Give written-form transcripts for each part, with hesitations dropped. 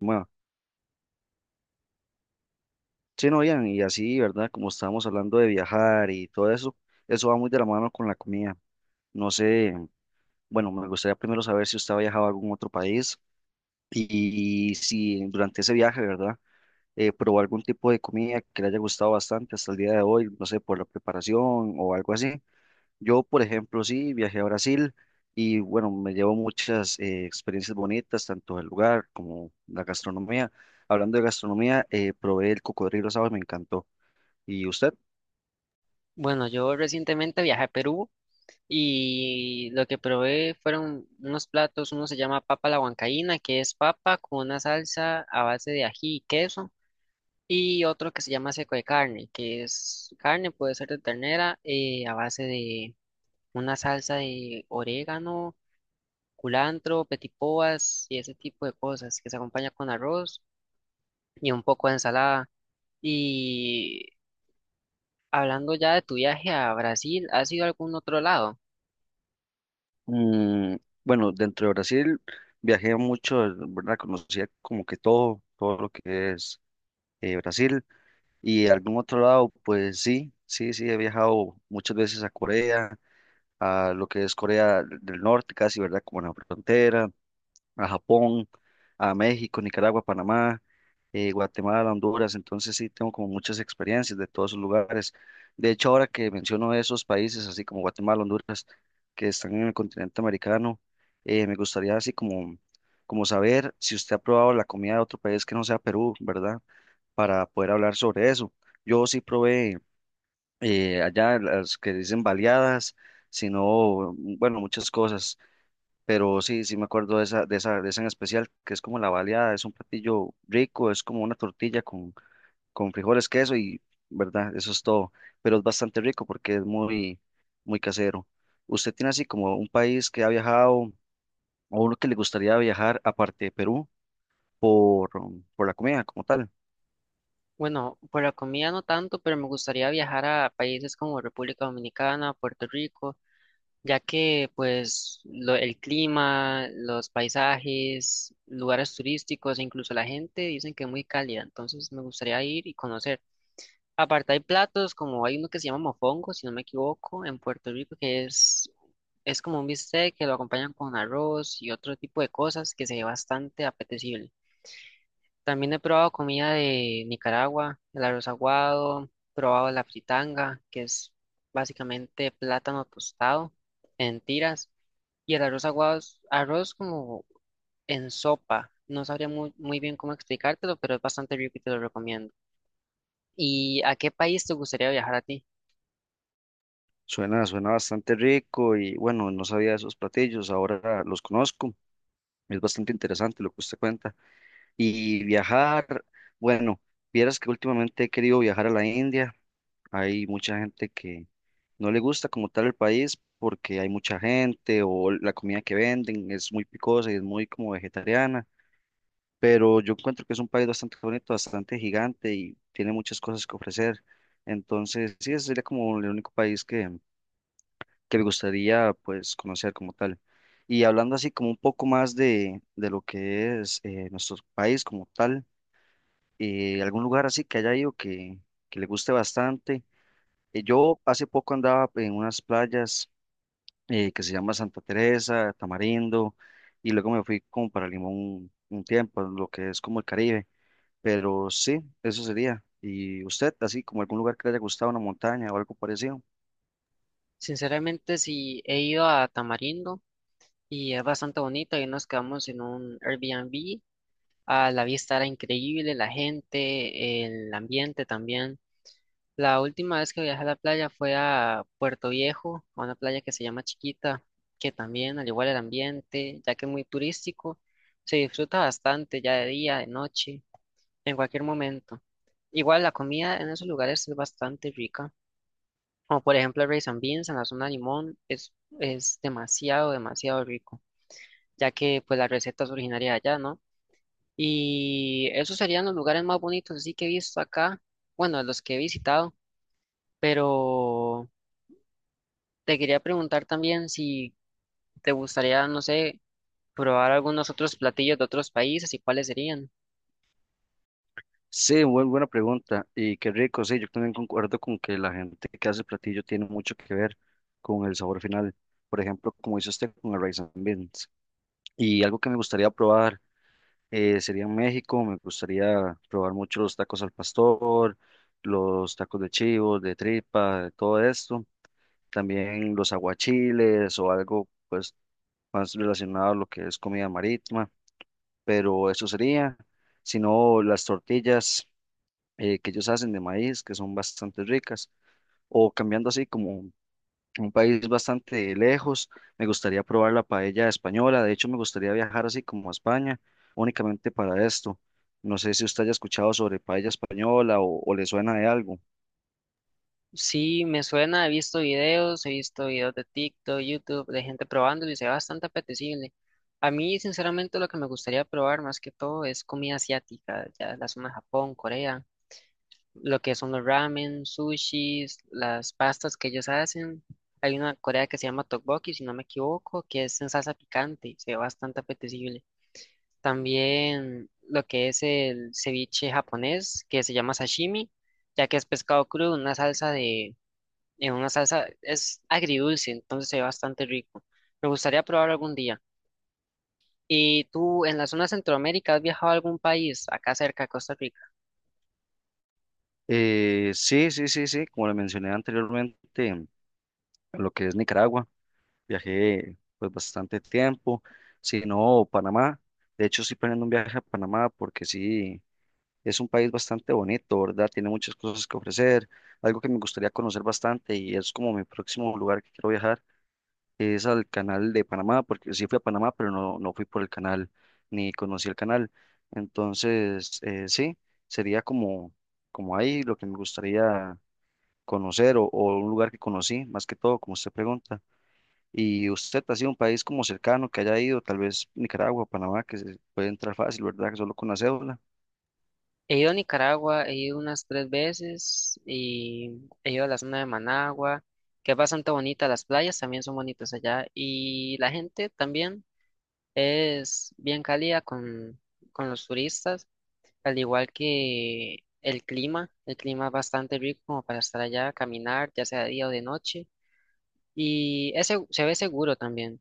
Bueno, sí, no, Ian, y así, ¿verdad? Como estábamos hablando de viajar y todo eso, eso va muy de la mano con la comida. No sé, bueno, me gustaría primero saber si usted ha viajado a algún otro país y, si durante ese viaje, ¿verdad? Probó algún tipo de comida que le haya gustado bastante hasta el día de hoy, no sé, por la preparación o algo así. Yo, por ejemplo, sí, viajé a Brasil y bueno, me llevo muchas experiencias bonitas, tanto del lugar como la gastronomía. Hablando de gastronomía, probé el cocodrilo asado y me encantó. ¿Y usted? Bueno, yo recientemente viajé a Perú y lo que probé fueron unos platos, uno se llama papa a la huancaína, que es papa con una salsa a base de ají y queso, y otro que se llama seco de carne, que es carne, puede ser de ternera, a base de una salsa de orégano, culantro, petipoas y ese tipo de cosas, que se acompaña con arroz y un poco de ensalada. Y hablando ya de tu viaje a Brasil, ¿has ido a algún otro lado? Mm, bueno, dentro de Brasil viajé mucho, ¿verdad? Conocía como que todo lo que es Brasil. Y algún otro lado, pues sí, he viajado muchas veces a Corea, a lo que es Corea del Norte, casi, ¿verdad? Como en la frontera. A Japón, a México, Nicaragua, Panamá, Guatemala, Honduras, entonces sí tengo como muchas experiencias de todos esos lugares. De hecho, ahora que menciono esos países, así como Guatemala, Honduras, que están en el continente americano, me gustaría así como saber si usted ha probado la comida de otro país que no sea Perú, ¿verdad? Para poder hablar sobre eso. Yo sí probé allá las que dicen baleadas, sino, bueno, muchas cosas. Pero sí, sí me acuerdo de esa, de esa en especial, que es como la baleada, es un platillo rico, es como una tortilla con frijoles, queso y, ¿verdad? Eso es todo. Pero es bastante rico porque es muy casero. ¿Usted tiene así como un país que ha viajado o uno que le gustaría viajar aparte de Perú por, por la comida como tal? Bueno, por la comida no tanto, pero me gustaría viajar a países como República Dominicana, Puerto Rico, ya que pues el clima, los paisajes, lugares turísticos e incluso la gente dicen que es muy cálida, entonces me gustaría ir y conocer. Aparte hay platos como hay uno que se llama mofongo, si no me equivoco, en Puerto Rico, que es como un bistec que lo acompañan con arroz y otro tipo de cosas que se ve bastante apetecible. También he probado comida de Nicaragua, el arroz aguado, probado la fritanga, que es básicamente plátano tostado en tiras, y el arroz aguado es arroz como en sopa. No sabría muy bien cómo explicártelo, pero es bastante rico y te lo recomiendo. ¿Y a qué país te gustaría viajar a ti? Suena, suena bastante rico y bueno, no sabía de esos platillos, ahora los conozco. Es bastante interesante lo que usted cuenta. Y viajar, bueno, vieras que últimamente he querido viajar a la India. Hay mucha gente que no le gusta como tal el país porque hay mucha gente o la comida que venden es muy picosa y es muy como vegetariana. Pero yo encuentro que es un país bastante bonito, bastante gigante y tiene muchas cosas que ofrecer. Entonces, sí, ese sería como el único país que me gustaría pues conocer como tal. Y hablando así como un poco más de lo que es nuestro país como tal, algún lugar así que haya ido que le guste bastante. Yo hace poco andaba en unas playas que se llama Santa Teresa, Tamarindo, y luego me fui como para Limón un tiempo, lo que es como el Caribe, pero sí, eso sería. ¿Y usted, así como algún lugar que le haya gustado, una montaña o algo parecido? Sinceramente, sí, he ido a Tamarindo y es bastante bonito. Ahí nos quedamos en un Airbnb. A la vista era increíble, la gente, el ambiente también. La última vez que viajé a la playa fue a Puerto Viejo, a una playa que se llama Chiquita, que también, al igual el ambiente, ya que es muy turístico, se disfruta bastante ya de día, de noche, en cualquier momento. Igual la comida en esos lugares es bastante rica, como por ejemplo el rice and beans en la zona de Limón, es demasiado rico, ya que pues la receta es originaria de allá, ¿no? Y esos serían los lugares más bonitos así que he visto acá, bueno, los que he visitado, pero... Te quería preguntar también si te gustaría, no sé, probar algunos otros platillos de otros países y cuáles serían. Sí, muy buena pregunta. Y qué rico, sí, yo también concuerdo con que la gente que hace el platillo tiene mucho que ver con el sabor final. Por ejemplo, como dice usted con el rice and beans. Y algo que me gustaría probar, sería en México, me gustaría probar mucho los tacos al pastor, los tacos de chivo, de tripa, de todo esto. También los aguachiles o algo pues más relacionado a lo que es comida marítima, pero eso sería. Si no, las tortillas que ellos hacen de maíz, que son bastante ricas, o cambiando así como un país bastante lejos. Me gustaría probar la paella española. De hecho, me gustaría viajar así como a España, únicamente para esto. No sé si usted haya escuchado sobre paella española o le suena de algo. Sí, me suena, he visto videos de TikTok, YouTube, de gente probándolo y se ve bastante apetecible. A mí, sinceramente, lo que me gustaría probar más que todo es comida asiática, ya la zona de Japón, Corea, lo que son los ramen, sushis, las pastas que ellos hacen. Hay una Corea que se llama tteokbokki, si no me equivoco, que es en salsa picante, se ve bastante apetecible. También lo que es el ceviche japonés, que se llama sashimi, ya que es pescado crudo, en una salsa, es agridulce, entonces se ve bastante rico. Me gustaría probar algún día. ¿Y tú en la zona de Centroamérica has viajado a algún país, acá cerca de Costa Rica? Sí, sí, sí, sí. Como le mencioné anteriormente, lo que es Nicaragua, viajé pues bastante tiempo. Si no, Panamá. De hecho, estoy planeando un viaje a Panamá porque sí. Es un país bastante bonito, ¿verdad? Tiene muchas cosas que ofrecer. Algo que me gustaría conocer bastante y es como mi próximo lugar que quiero viajar es al canal de Panamá, porque sí fui a Panamá, pero no, no fui por el canal ni conocí el canal. Entonces, sí, sería como, como ahí lo que me gustaría conocer o un lugar que conocí, más que todo, como usted pregunta. Y usted ha sido un país como cercano que haya ido, tal vez Nicaragua, Panamá, que se puede entrar fácil, ¿verdad? Que solo con la cédula. He ido a Nicaragua, he ido unas 3 veces y he ido a la zona de Managua, que es bastante bonita, las playas también son bonitas allá y la gente también. Es bien cálida con los turistas, al igual que el clima. El clima es bastante rico como para estar allá, caminar, ya sea de día o de noche. Y ese se ve seguro también,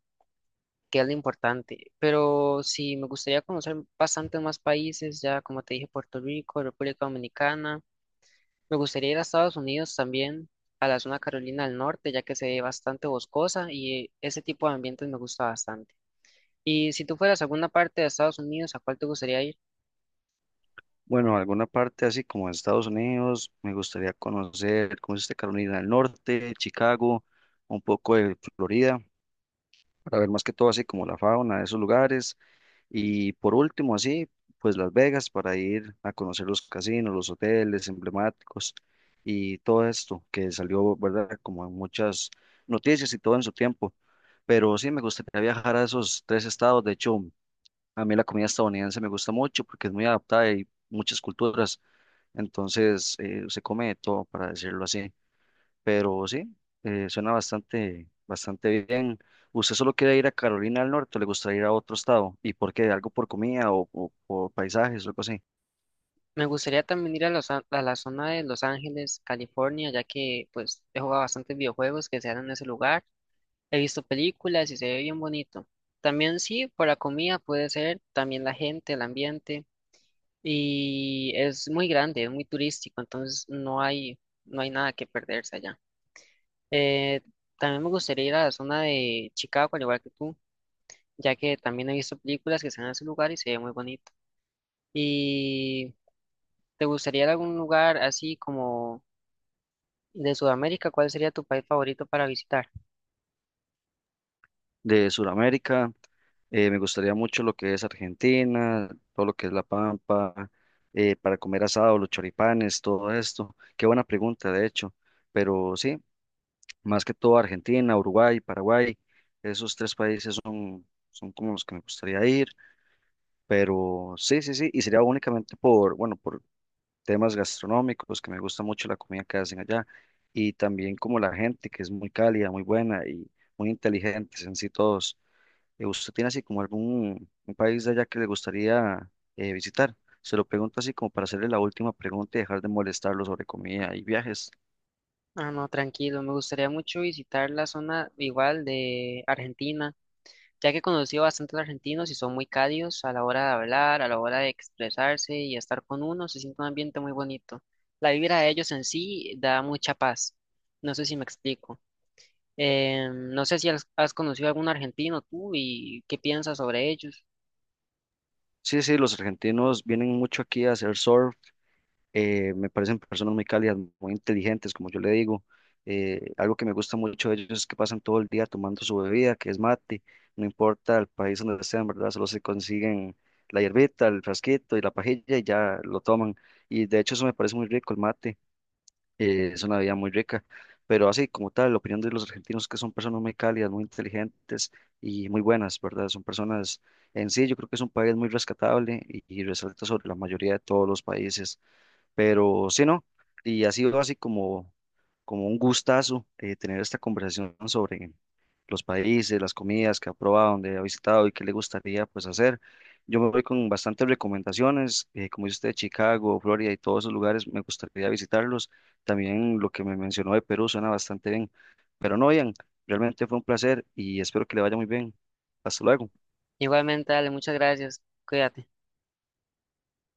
que es lo importante. Pero sí, me gustaría conocer bastantes más países, ya como te dije, Puerto Rico, República Dominicana. Me gustaría ir a Estados Unidos también, a la zona Carolina del Norte, ya que se ve bastante boscosa y ese tipo de ambientes me gusta bastante. Y si tú fueras a alguna parte de Estados Unidos, ¿a cuál te gustaría ir? Bueno, alguna parte así como Estados Unidos, me gustaría conocer, ¿cómo es este? Carolina del Norte, Chicago, un poco de Florida, para ver más que todo así como la fauna de esos lugares. Y por último, así, pues Las Vegas, para ir a conocer los casinos, los hoteles emblemáticos y todo esto que salió, ¿verdad? Como en muchas noticias y todo en su tiempo. Pero sí, me gustaría viajar a esos tres estados. De hecho, a mí la comida estadounidense me gusta mucho porque es muy adaptada y muchas culturas. Entonces, se come de todo, para decirlo así. Pero sí, suena bastante, bastante bien. ¿Usted solo quiere ir a Carolina del Norte o le gustaría ir a otro estado? ¿Y por qué? ¿Algo por comida o por paisajes o algo así? Me gustaría también a la zona de Los Ángeles, California, ya que pues he jugado bastantes videojuegos que se dan en ese lugar, he visto películas y se ve bien bonito. También sí, por la comida puede ser, también la gente, el ambiente, y es muy grande, es muy turístico, entonces no hay nada que perderse allá. Eh, También me gustaría ir a la zona de Chicago, al igual que tú, ya que también he visto películas que se dan en ese lugar y se ve muy bonito. ¿Y te gustaría ir a algún lugar así como de Sudamérica? ¿Cuál sería tu país favorito para visitar? De Sudamérica, me gustaría mucho lo que es Argentina, todo lo que es La Pampa, para comer asado, los choripanes, todo esto. Qué buena pregunta, de hecho. Pero sí, más que todo Argentina, Uruguay, Paraguay, esos tres países son, son como los que me gustaría ir. Pero sí, sí, sí, y sería únicamente por, bueno, por temas gastronómicos, que me gusta mucho la comida que hacen allá, y también como la gente, que es muy cálida, muy buena y muy inteligentes en sí todos. ¿Usted tiene así como algún un país de allá que le gustaría visitar? Se lo pregunto así como para hacerle la última pregunta y dejar de molestarlo sobre comida y viajes. Ah, no, tranquilo. Me gustaría mucho visitar la zona igual de Argentina, ya que he conocido bastantes argentinos y son muy cálidos a la hora de hablar, a la hora de expresarse y estar con uno. Se siente un ambiente muy bonito. La vibra de ellos en sí da mucha paz. No sé si me explico. No sé si has conocido algún argentino tú y qué piensas sobre ellos. Sí, sí, los argentinos vienen mucho aquí a hacer surf, me parecen personas muy cálidas, muy inteligentes, como yo le digo. Algo que me gusta mucho de ellos es que pasan todo el día tomando su bebida, que es mate, no importa el país donde sean, ¿verdad? Solo se consiguen la hierbita, el frasquito y la pajilla y ya lo toman. Y de hecho eso me parece muy rico, el mate, es una bebida muy rica. Pero así como tal, la opinión de los argentinos es que son personas muy cálidas, muy inteligentes y muy buenas, ¿verdad? Son personas en sí, yo creo que es un país muy rescatable y resalta sobre la mayoría de todos los países. Pero sí, ¿no? Y ha sido así como, como un gustazo tener esta conversación sobre los países, las comidas que ha probado, dónde ha visitado y qué le gustaría pues hacer. Yo me voy con bastantes recomendaciones, como dice usted, Chicago, Florida y todos esos lugares, me gustaría visitarlos. También lo que me mencionó de Perú suena bastante bien. Pero no, Ian, realmente fue un placer y espero que le vaya muy bien. Hasta luego. Igualmente, dale, muchas gracias. Cuídate.